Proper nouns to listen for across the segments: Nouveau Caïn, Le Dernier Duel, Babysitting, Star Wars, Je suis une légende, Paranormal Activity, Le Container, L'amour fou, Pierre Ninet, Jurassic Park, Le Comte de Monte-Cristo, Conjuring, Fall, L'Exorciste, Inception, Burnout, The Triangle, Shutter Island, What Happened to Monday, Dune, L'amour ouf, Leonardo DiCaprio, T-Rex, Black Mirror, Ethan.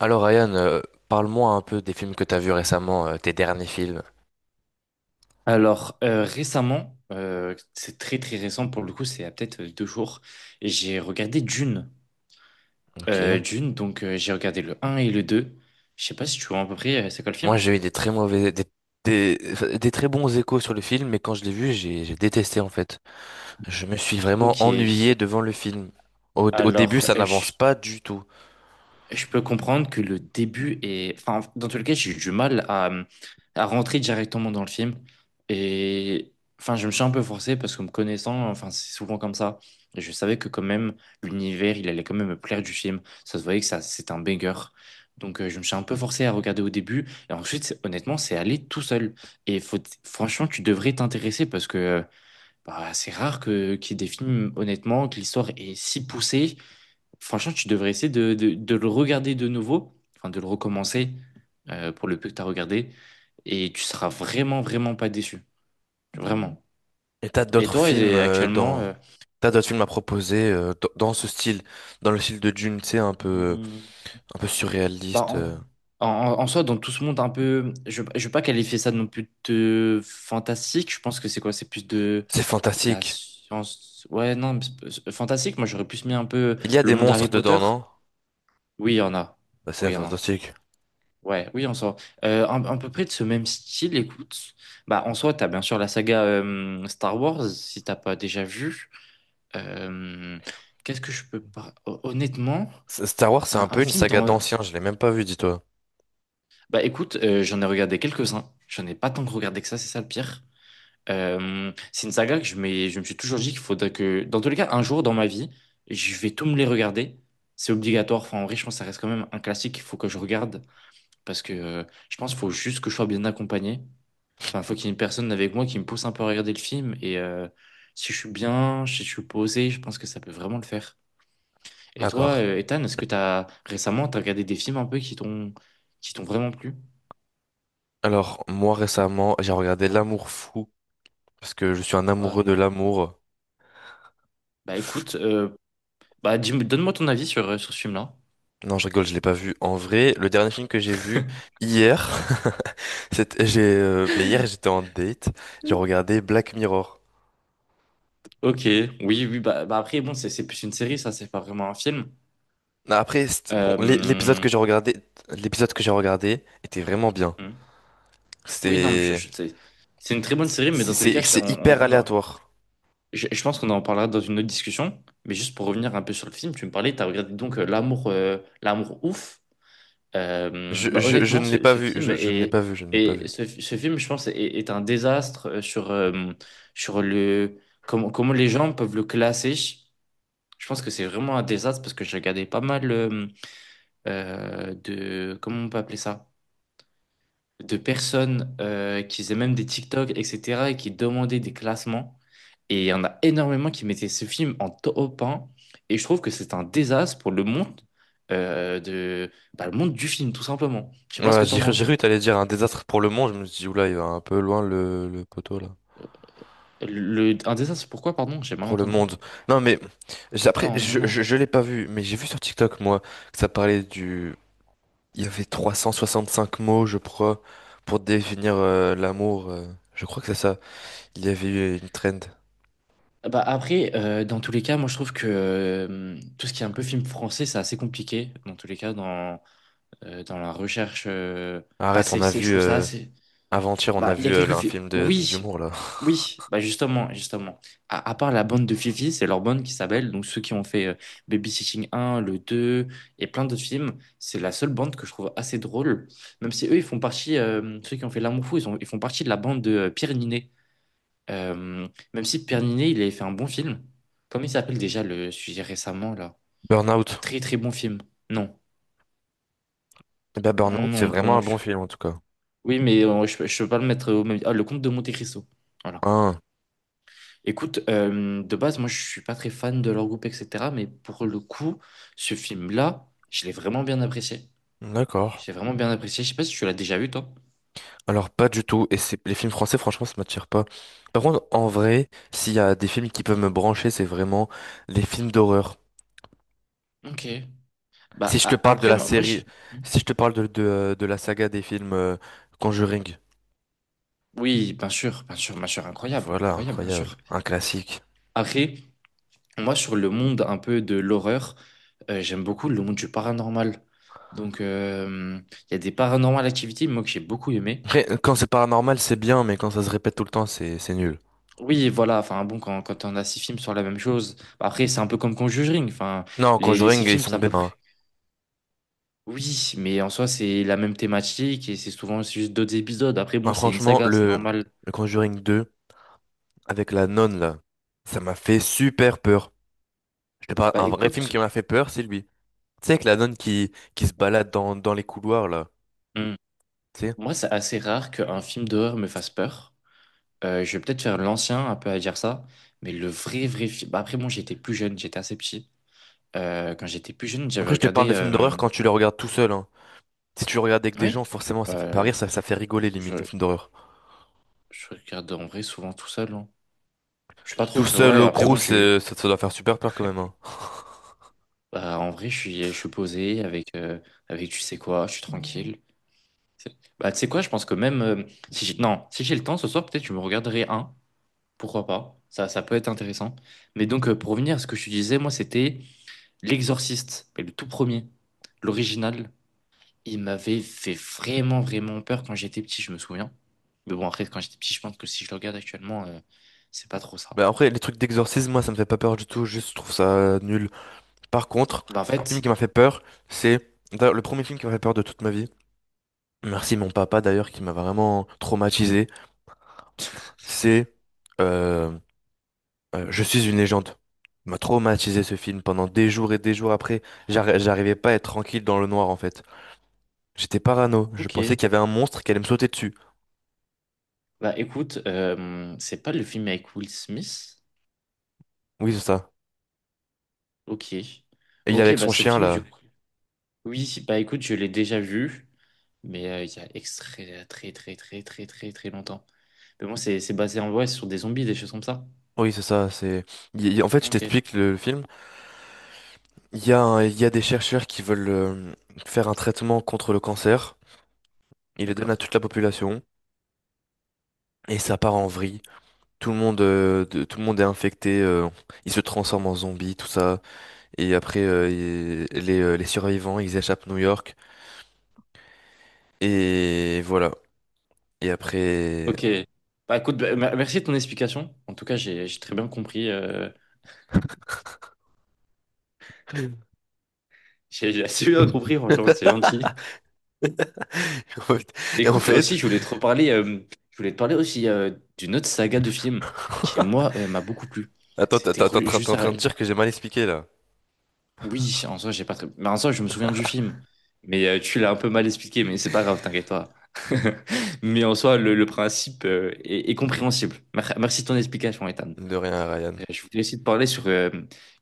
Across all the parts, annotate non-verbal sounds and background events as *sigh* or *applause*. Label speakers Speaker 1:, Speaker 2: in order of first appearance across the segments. Speaker 1: Alors Ryan, parle-moi un peu des films que t'as vus récemment, tes derniers films.
Speaker 2: Alors, récemment, c'est très très récent pour le coup, c'est à peut-être deux jours, et j'ai regardé Dune.
Speaker 1: Ok.
Speaker 2: Dune, donc j'ai regardé le un et le 2. Je sais pas si tu vois à peu près, c'est quoi le
Speaker 1: Moi
Speaker 2: film?
Speaker 1: j'ai eu des très mauvais, enfin, des très bons échos sur le film, mais quand je l'ai vu, j'ai détesté en fait. Je me suis vraiment
Speaker 2: Ok.
Speaker 1: ennuyé devant le film. Au début,
Speaker 2: Alors,
Speaker 1: ça
Speaker 2: euh,
Speaker 1: n'avance
Speaker 2: je
Speaker 1: pas du tout.
Speaker 2: Je peux comprendre que le début est... Enfin, dans tous les cas, j'ai eu du mal à rentrer directement dans le film. Et enfin, je me suis un peu forcé parce que me connaissant, enfin, c'est souvent comme ça. Et je savais que quand même, l'univers, il allait quand même me plaire du film. Ça se voyait que ça, c'était un banger. Donc, je me suis un peu forcé à regarder au début. Et ensuite, honnêtement, c'est allé tout seul. Et faut, Franchement, tu devrais t'intéresser parce que bah, c'est rare qu'il y ait des films, honnêtement, que l'histoire est si poussée. Franchement, tu devrais essayer de le regarder de nouveau, enfin de le recommencer, pour le peu que tu as regardé, et tu seras vraiment, vraiment pas déçu. Vraiment.
Speaker 1: Et t'as d'autres films
Speaker 2: Actuellement,
Speaker 1: t'as d'autres films à proposer dans ce style, dans le style de Dune, tu sais,
Speaker 2: hmm,
Speaker 1: un peu
Speaker 2: bah,
Speaker 1: surréaliste.
Speaker 2: en, en- en soi, dans tout ce monde un peu, je ne vais pas qualifier ça non plus de fantastique, je pense que c'est quoi? C'est plus de
Speaker 1: C'est
Speaker 2: la
Speaker 1: fantastique.
Speaker 2: science. Ouais, non, mais fantastique, moi j'aurais plus mis un peu
Speaker 1: Il y a
Speaker 2: le
Speaker 1: des
Speaker 2: monde
Speaker 1: monstres
Speaker 2: d'Harry
Speaker 1: dedans,
Speaker 2: Potter.
Speaker 1: non?
Speaker 2: Oui, il y en a.
Speaker 1: Bah,
Speaker 2: Oui,
Speaker 1: c'est
Speaker 2: il y en a.
Speaker 1: fantastique.
Speaker 2: Ouais, oui, en soi. À peu près de ce même style, écoute. Bah, en soi, t'as bien sûr la saga Star Wars, si t'as pas déjà vu. Euh, qu'est-ce que je peux pas... Hon- Honnêtement,
Speaker 1: Star Wars, c'est un
Speaker 2: un
Speaker 1: peu une
Speaker 2: film
Speaker 1: saga
Speaker 2: dans...
Speaker 1: d'anciens, je l'ai même pas vu, dis-toi.
Speaker 2: Bah, écoute, j'en ai regardé quelques-uns. J'en ai pas tant que regardé que ça, c'est ça le pire. C'est une saga que je me suis toujours dit qu'il faudrait que... Dans tous les cas, un jour dans ma vie, je vais tout me les regarder. C'est obligatoire. Enfin, en vrai, je pense que ça reste quand même un classique qu'il faut que je regarde. Parce que je pense qu'il faut juste que je sois bien accompagné. Enfin, faut qu'il y ait une personne avec moi qui me pousse un peu à regarder le film. Et si je suis bien, si je suis posé, je pense que ça peut vraiment le faire. Et toi,
Speaker 1: D'accord.
Speaker 2: Ethan, est-ce que t'as regardé des films un peu qui t'ont vraiment plu?
Speaker 1: Alors, moi récemment, j'ai regardé L'amour fou, parce que je suis un
Speaker 2: Oh
Speaker 1: amoureux de
Speaker 2: non.
Speaker 1: l'amour.
Speaker 2: Bah écoute, donne-moi ton avis sur, sur ce film-là.
Speaker 1: Non, je rigole, je l'ai pas vu. En vrai, le dernier film que j'ai vu hier, *laughs* c'était, bah, hier j'étais en date, j'ai regardé Black Mirror.
Speaker 2: Ok, oui, oui, bah, bah après, bon, c'est plus une série, ça, c'est pas vraiment un film.
Speaker 1: Non, après, bon, l'épisode
Speaker 2: Euh,
Speaker 1: que j'ai regardé, l'épisode que j'ai regardé était vraiment bien.
Speaker 2: hmm. Oui, non, mais
Speaker 1: C'était,
Speaker 2: c'est une très bonne série, mais
Speaker 1: c'est
Speaker 2: dans tous les cas,
Speaker 1: c'est hyper aléatoire.
Speaker 2: je pense qu'on en parlera dans une autre discussion, mais juste pour revenir un peu sur le film, tu me parlais, tu as regardé donc L'amour l'amour ouf. Bah,
Speaker 1: Je
Speaker 2: honnêtement,
Speaker 1: ne l'ai pas vu, je ne l'ai pas vu, je ne l'ai pas vu.
Speaker 2: ce film, je pense, est un désastre sur le comment les gens peuvent le classer. Je pense que c'est vraiment un désastre parce que j'ai regardé pas mal comment on peut appeler ça? De personnes qui faisaient même des TikTok, etc., et qui demandaient des classements. Et il y en a énormément qui mettaient ce film en top un. Et je trouve que c'est un désastre pour le monde, bah, le monde du film, tout simplement. Je sais pas ce
Speaker 1: Ouais,
Speaker 2: que t'en penses,
Speaker 1: j'ai
Speaker 2: toi.
Speaker 1: cru que t'allais dire un désastre pour le monde. Je me suis dit, oula, il va un peu loin le poteau là.
Speaker 2: Un désastre, pourquoi, pardon? J'ai mal
Speaker 1: Pour le
Speaker 2: entendu.
Speaker 1: monde. Non, mais après,
Speaker 2: Non, non, non.
Speaker 1: je l'ai pas vu, mais j'ai vu sur TikTok, moi, que ça parlait du. Il y avait 365 mots, je crois, pour définir l'amour. Je crois que c'est ça. Il y avait eu une trend.
Speaker 2: Bah après, dans tous les cas, moi je trouve que tout ce qui est un peu film français, c'est assez compliqué. Dans tous les cas, dans la recherche, bah,
Speaker 1: Arrête, on a
Speaker 2: je
Speaker 1: vu.
Speaker 2: trouve ça assez.
Speaker 1: Avant-hier, on
Speaker 2: Bah,
Speaker 1: a
Speaker 2: il y a
Speaker 1: vu
Speaker 2: quelques
Speaker 1: là, un
Speaker 2: filles.
Speaker 1: film
Speaker 2: Oui,
Speaker 1: d'humour là.
Speaker 2: oui, bah justement, justement. À part la bande de Fifi, c'est leur bande qui s'appelle, donc ceux qui ont fait Babysitting un le 2 et plein d'autres films, c'est la seule bande que je trouve assez drôle. Même si eux, ils font partie, ceux qui ont fait L'amour fou, ils font partie de la bande de Pierre Ninet. Même si Pierre Ninet, il avait fait un bon film. Comment il s'appelle déjà le sujet récemment, là?
Speaker 1: Burnout.
Speaker 2: Très très bon film. Non,
Speaker 1: Eh ben, Burnout,
Speaker 2: non,
Speaker 1: c'est
Speaker 2: non,
Speaker 1: vraiment
Speaker 2: bon.
Speaker 1: un bon
Speaker 2: Je-
Speaker 1: film en tout cas.
Speaker 2: Oui, mais je peux pas le mettre au même. Ah, Le Comte de Monte-Cristo. Voilà.
Speaker 1: Ah,
Speaker 2: Écoute, de base, moi, je suis pas très fan de leur groupe, etc. Mais pour le coup, ce film-là, je l'ai vraiment bien apprécié.
Speaker 1: d'accord.
Speaker 2: Je l'ai vraiment bien apprécié. Je sais pas si tu l'as déjà vu, toi.
Speaker 1: Alors pas du tout, et c'est les films français franchement ça m'attire pas. Par contre en vrai, s'il y a des films qui peuvent me brancher, c'est vraiment les films d'horreur.
Speaker 2: Ok.
Speaker 1: Si je te parle de
Speaker 2: Après,
Speaker 1: la
Speaker 2: moi je...
Speaker 1: série, si je te parle de la saga des films Conjuring,
Speaker 2: Oui, bien sûr, bien sûr, bien sûr. Incroyable,
Speaker 1: voilà,
Speaker 2: incroyable, bien sûr.
Speaker 1: incroyable, un classique.
Speaker 2: Après, moi, sur le monde un peu de l'horreur, j'aime beaucoup le monde du paranormal. Donc, il y a des paranormal activités, moi, que j'ai beaucoup aimé.
Speaker 1: Après, quand c'est paranormal c'est bien, mais quand ça se répète tout le temps c'est nul.
Speaker 2: Oui, voilà, enfin bon, quand on a 6 films sur la même chose, bah, après c'est un peu comme Conjuring, enfin
Speaker 1: Non,
Speaker 2: les six
Speaker 1: Conjuring ils
Speaker 2: films c'est
Speaker 1: sont
Speaker 2: à
Speaker 1: bien,
Speaker 2: peu près...
Speaker 1: hein.
Speaker 2: Oui, mais en soi c'est la même thématique et c'est souvent juste d'autres épisodes, après bon
Speaker 1: Ah,
Speaker 2: c'est une
Speaker 1: franchement
Speaker 2: saga, c'est normal.
Speaker 1: le Conjuring 2 avec la nonne là, ça m'a fait super peur. Je te parle
Speaker 2: Bah
Speaker 1: un vrai film qui
Speaker 2: écoute,
Speaker 1: m'a fait peur, c'est lui. Tu sais, avec la nonne qui se balade dans les couloirs, là.
Speaker 2: hum,
Speaker 1: Tu sais.
Speaker 2: moi c'est assez rare qu'un film d'horreur me fasse peur. Je vais peut-être faire l'ancien un peu à dire ça, mais le vrai vrai film... Bah, après bon j'étais plus jeune, j'étais assez petit. Quand j'étais plus jeune j'avais
Speaker 1: Après, je te parle
Speaker 2: regardé...
Speaker 1: de films d'horreur quand tu les regardes tout seul, hein. Si tu le regardes avec des
Speaker 2: Oui,
Speaker 1: gens, forcément, ça fait pas rire,
Speaker 2: euh,
Speaker 1: ça fait rigoler limite, un
Speaker 2: je,
Speaker 1: film d'horreur.
Speaker 2: je regarde en vrai souvent tout seul, hein. Je suis pas trop,
Speaker 1: Tout
Speaker 2: mais
Speaker 1: seul
Speaker 2: ouais,
Speaker 1: au
Speaker 2: après,
Speaker 1: crew,
Speaker 2: bon, je suis.
Speaker 1: ça doit faire super peur quand même, hein.
Speaker 2: *laughs* Bah, en vrai, je suis posé avec, tu sais quoi, je suis tranquille. Bah, tu sais quoi, je pense que même si j'ai le temps ce soir, peut-être je me regarderai un, pourquoi pas, ça peut être intéressant. Mais donc, pour revenir à ce que je te disais, moi, c'était L'Exorciste, mais le tout premier, l'original. Il m'avait fait vraiment, vraiment peur quand j'étais petit, je me souviens. Mais bon, après, quand j'étais petit, je pense que si je le regarde actuellement, c'est pas trop ça.
Speaker 1: Mais après, les trucs d'exorcisme, moi, ça me fait pas peur du tout, juste je trouve ça nul. Par contre,
Speaker 2: Bah, en
Speaker 1: un film
Speaker 2: fait,
Speaker 1: qui m'a fait peur, c'est d'ailleurs, le premier film qui m'a fait peur de toute ma vie. Merci mon papa d'ailleurs, qui m'a vraiment traumatisé.
Speaker 2: *laughs*
Speaker 1: C'est euh, Je suis une légende. Il m'a traumatisé ce film pendant des jours et des jours après. J'arrivais pas à être tranquille dans le noir en fait. J'étais parano. Je
Speaker 2: ok.
Speaker 1: pensais qu'il y avait un monstre qui allait me sauter dessus.
Speaker 2: Bah écoute, c'est pas le film avec Will Smith?
Speaker 1: Oui, c'est ça.
Speaker 2: Ok.
Speaker 1: Et il est
Speaker 2: Ok,
Speaker 1: avec
Speaker 2: bah
Speaker 1: son
Speaker 2: ce
Speaker 1: chien
Speaker 2: film, je...
Speaker 1: là.
Speaker 2: Oui, bah écoute, je l'ai déjà vu, mais il y a extrait très très très très très très longtemps. Mais bon, c'est basé en vrai sur des zombies, des choses comme ça.
Speaker 1: Oui, c'est ça. C'est. En fait, je
Speaker 2: Ok,
Speaker 1: t'explique le film. Il y a, il y a des chercheurs qui veulent faire un traitement contre le cancer. Ils le donnent à
Speaker 2: d'accord.
Speaker 1: toute la population et ça part en vrille. Tout le monde, tout le monde est infecté. Ils se transforment en zombies, tout ça. Et après, les survivants, ils échappent à New York. Et voilà. Et après.
Speaker 2: Ok. Bah écoute, bah, merci de ton explication. En tout cas, j'ai très bien compris.
Speaker 1: *laughs*
Speaker 2: *laughs* J'ai assez bien compris, franchement, c'est gentil.
Speaker 1: Et en
Speaker 2: Écoute, aussi,
Speaker 1: fait,
Speaker 2: je voulais te reparler, je voulais te parler aussi d'une autre saga de film qui, moi, m'a beaucoup plu.
Speaker 1: attends,
Speaker 2: C'était Ru-
Speaker 1: t'es
Speaker 2: juste
Speaker 1: en
Speaker 2: à...
Speaker 1: train de dire que j'ai mal expliqué là.
Speaker 2: Oui, en soi, j'ai pas très... Mais en soi, je me souviens du film. Mais tu l'as un peu mal expliqué, mais c'est pas grave, t'inquiète pas. *laughs* Mais en soi, le principe est compréhensible. Merci de ton explication, Ethan.
Speaker 1: De rien, Ryan.
Speaker 2: Je voulais aussi te parler sur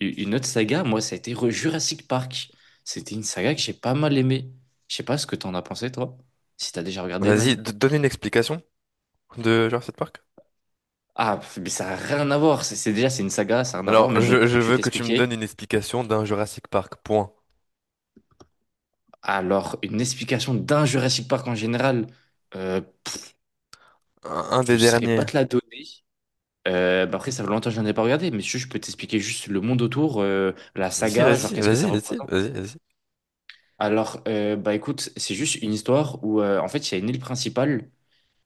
Speaker 2: une autre saga. Moi, ça a été Jurassic Park. C'était une saga que j'ai pas mal aimée. Je sais pas ce que t'en as pensé, toi. Si t'as déjà regardé,
Speaker 1: Vas-y,
Speaker 2: même.
Speaker 1: donne une explication de Jurassic Park.
Speaker 2: Ah, mais ça n'a rien à voir. Déjà, c'est une saga, ça n'a rien à voir.
Speaker 1: Alors,
Speaker 2: Mais bon,
Speaker 1: je
Speaker 2: je vais te
Speaker 1: veux que tu me
Speaker 2: l'expliquer.
Speaker 1: donnes une explication d'un Jurassic Park. Point.
Speaker 2: Alors, une explication d'un Jurassic Park en général, euh,
Speaker 1: Un
Speaker 2: je
Speaker 1: des
Speaker 2: ne saurais pas
Speaker 1: derniers.
Speaker 2: te la donner. Bah après, ça fait longtemps que je n'en ai pas regardé, mais je peux t'expliquer juste le monde autour, la saga, genre qu'est-ce que ça représente.
Speaker 1: Vas-y.
Speaker 2: Alors, bah écoute, c'est juste une histoire où, en fait, il y a une île principale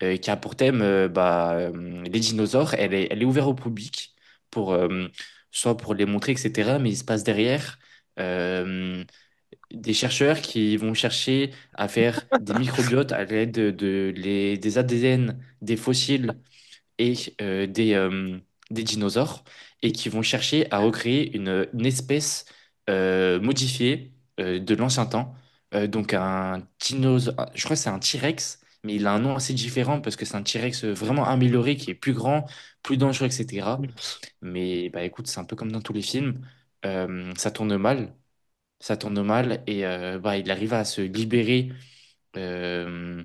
Speaker 2: qui a pour thème les dinosaures. Elle est ouverte au public, pour, soit pour les montrer, etc. Mais il se passe derrière euh, des chercheurs qui vont chercher à faire des microbiotes à l'aide des ADN, des fossiles et euh, des, euh, des dinosaures, et qui vont chercher à recréer une espèce modifiée de l'ancien temps. Donc un dinosaure, je crois que c'est un T-Rex, mais il a un nom assez différent parce que c'est un T-Rex vraiment amélioré, qui est plus grand, plus dangereux, etc. Mais bah écoute, c'est un peu comme dans tous les films, ça tourne mal, ça tourne mal et bah, il arrive à se libérer euh,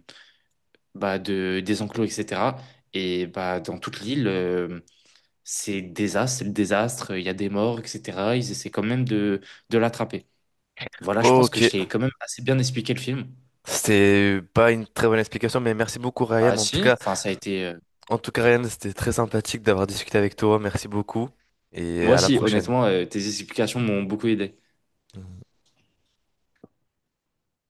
Speaker 2: des enclos, etc. Et bah, dans toute l'île, c'est le désastre, il y a des morts, etc. Ils essaient quand même de l'attraper. Voilà, je pense que
Speaker 1: Ok.
Speaker 2: je t'ai quand même assez bien expliqué le film.
Speaker 1: C'était pas une très bonne explication, mais merci beaucoup, Ryan.
Speaker 2: Bah si, enfin ça a été...
Speaker 1: En tout cas, Ryan, c'était très sympathique d'avoir discuté avec toi. Merci beaucoup. Et
Speaker 2: Moi
Speaker 1: à la
Speaker 2: si,
Speaker 1: prochaine.
Speaker 2: honnêtement, tes explications m'ont beaucoup aidé.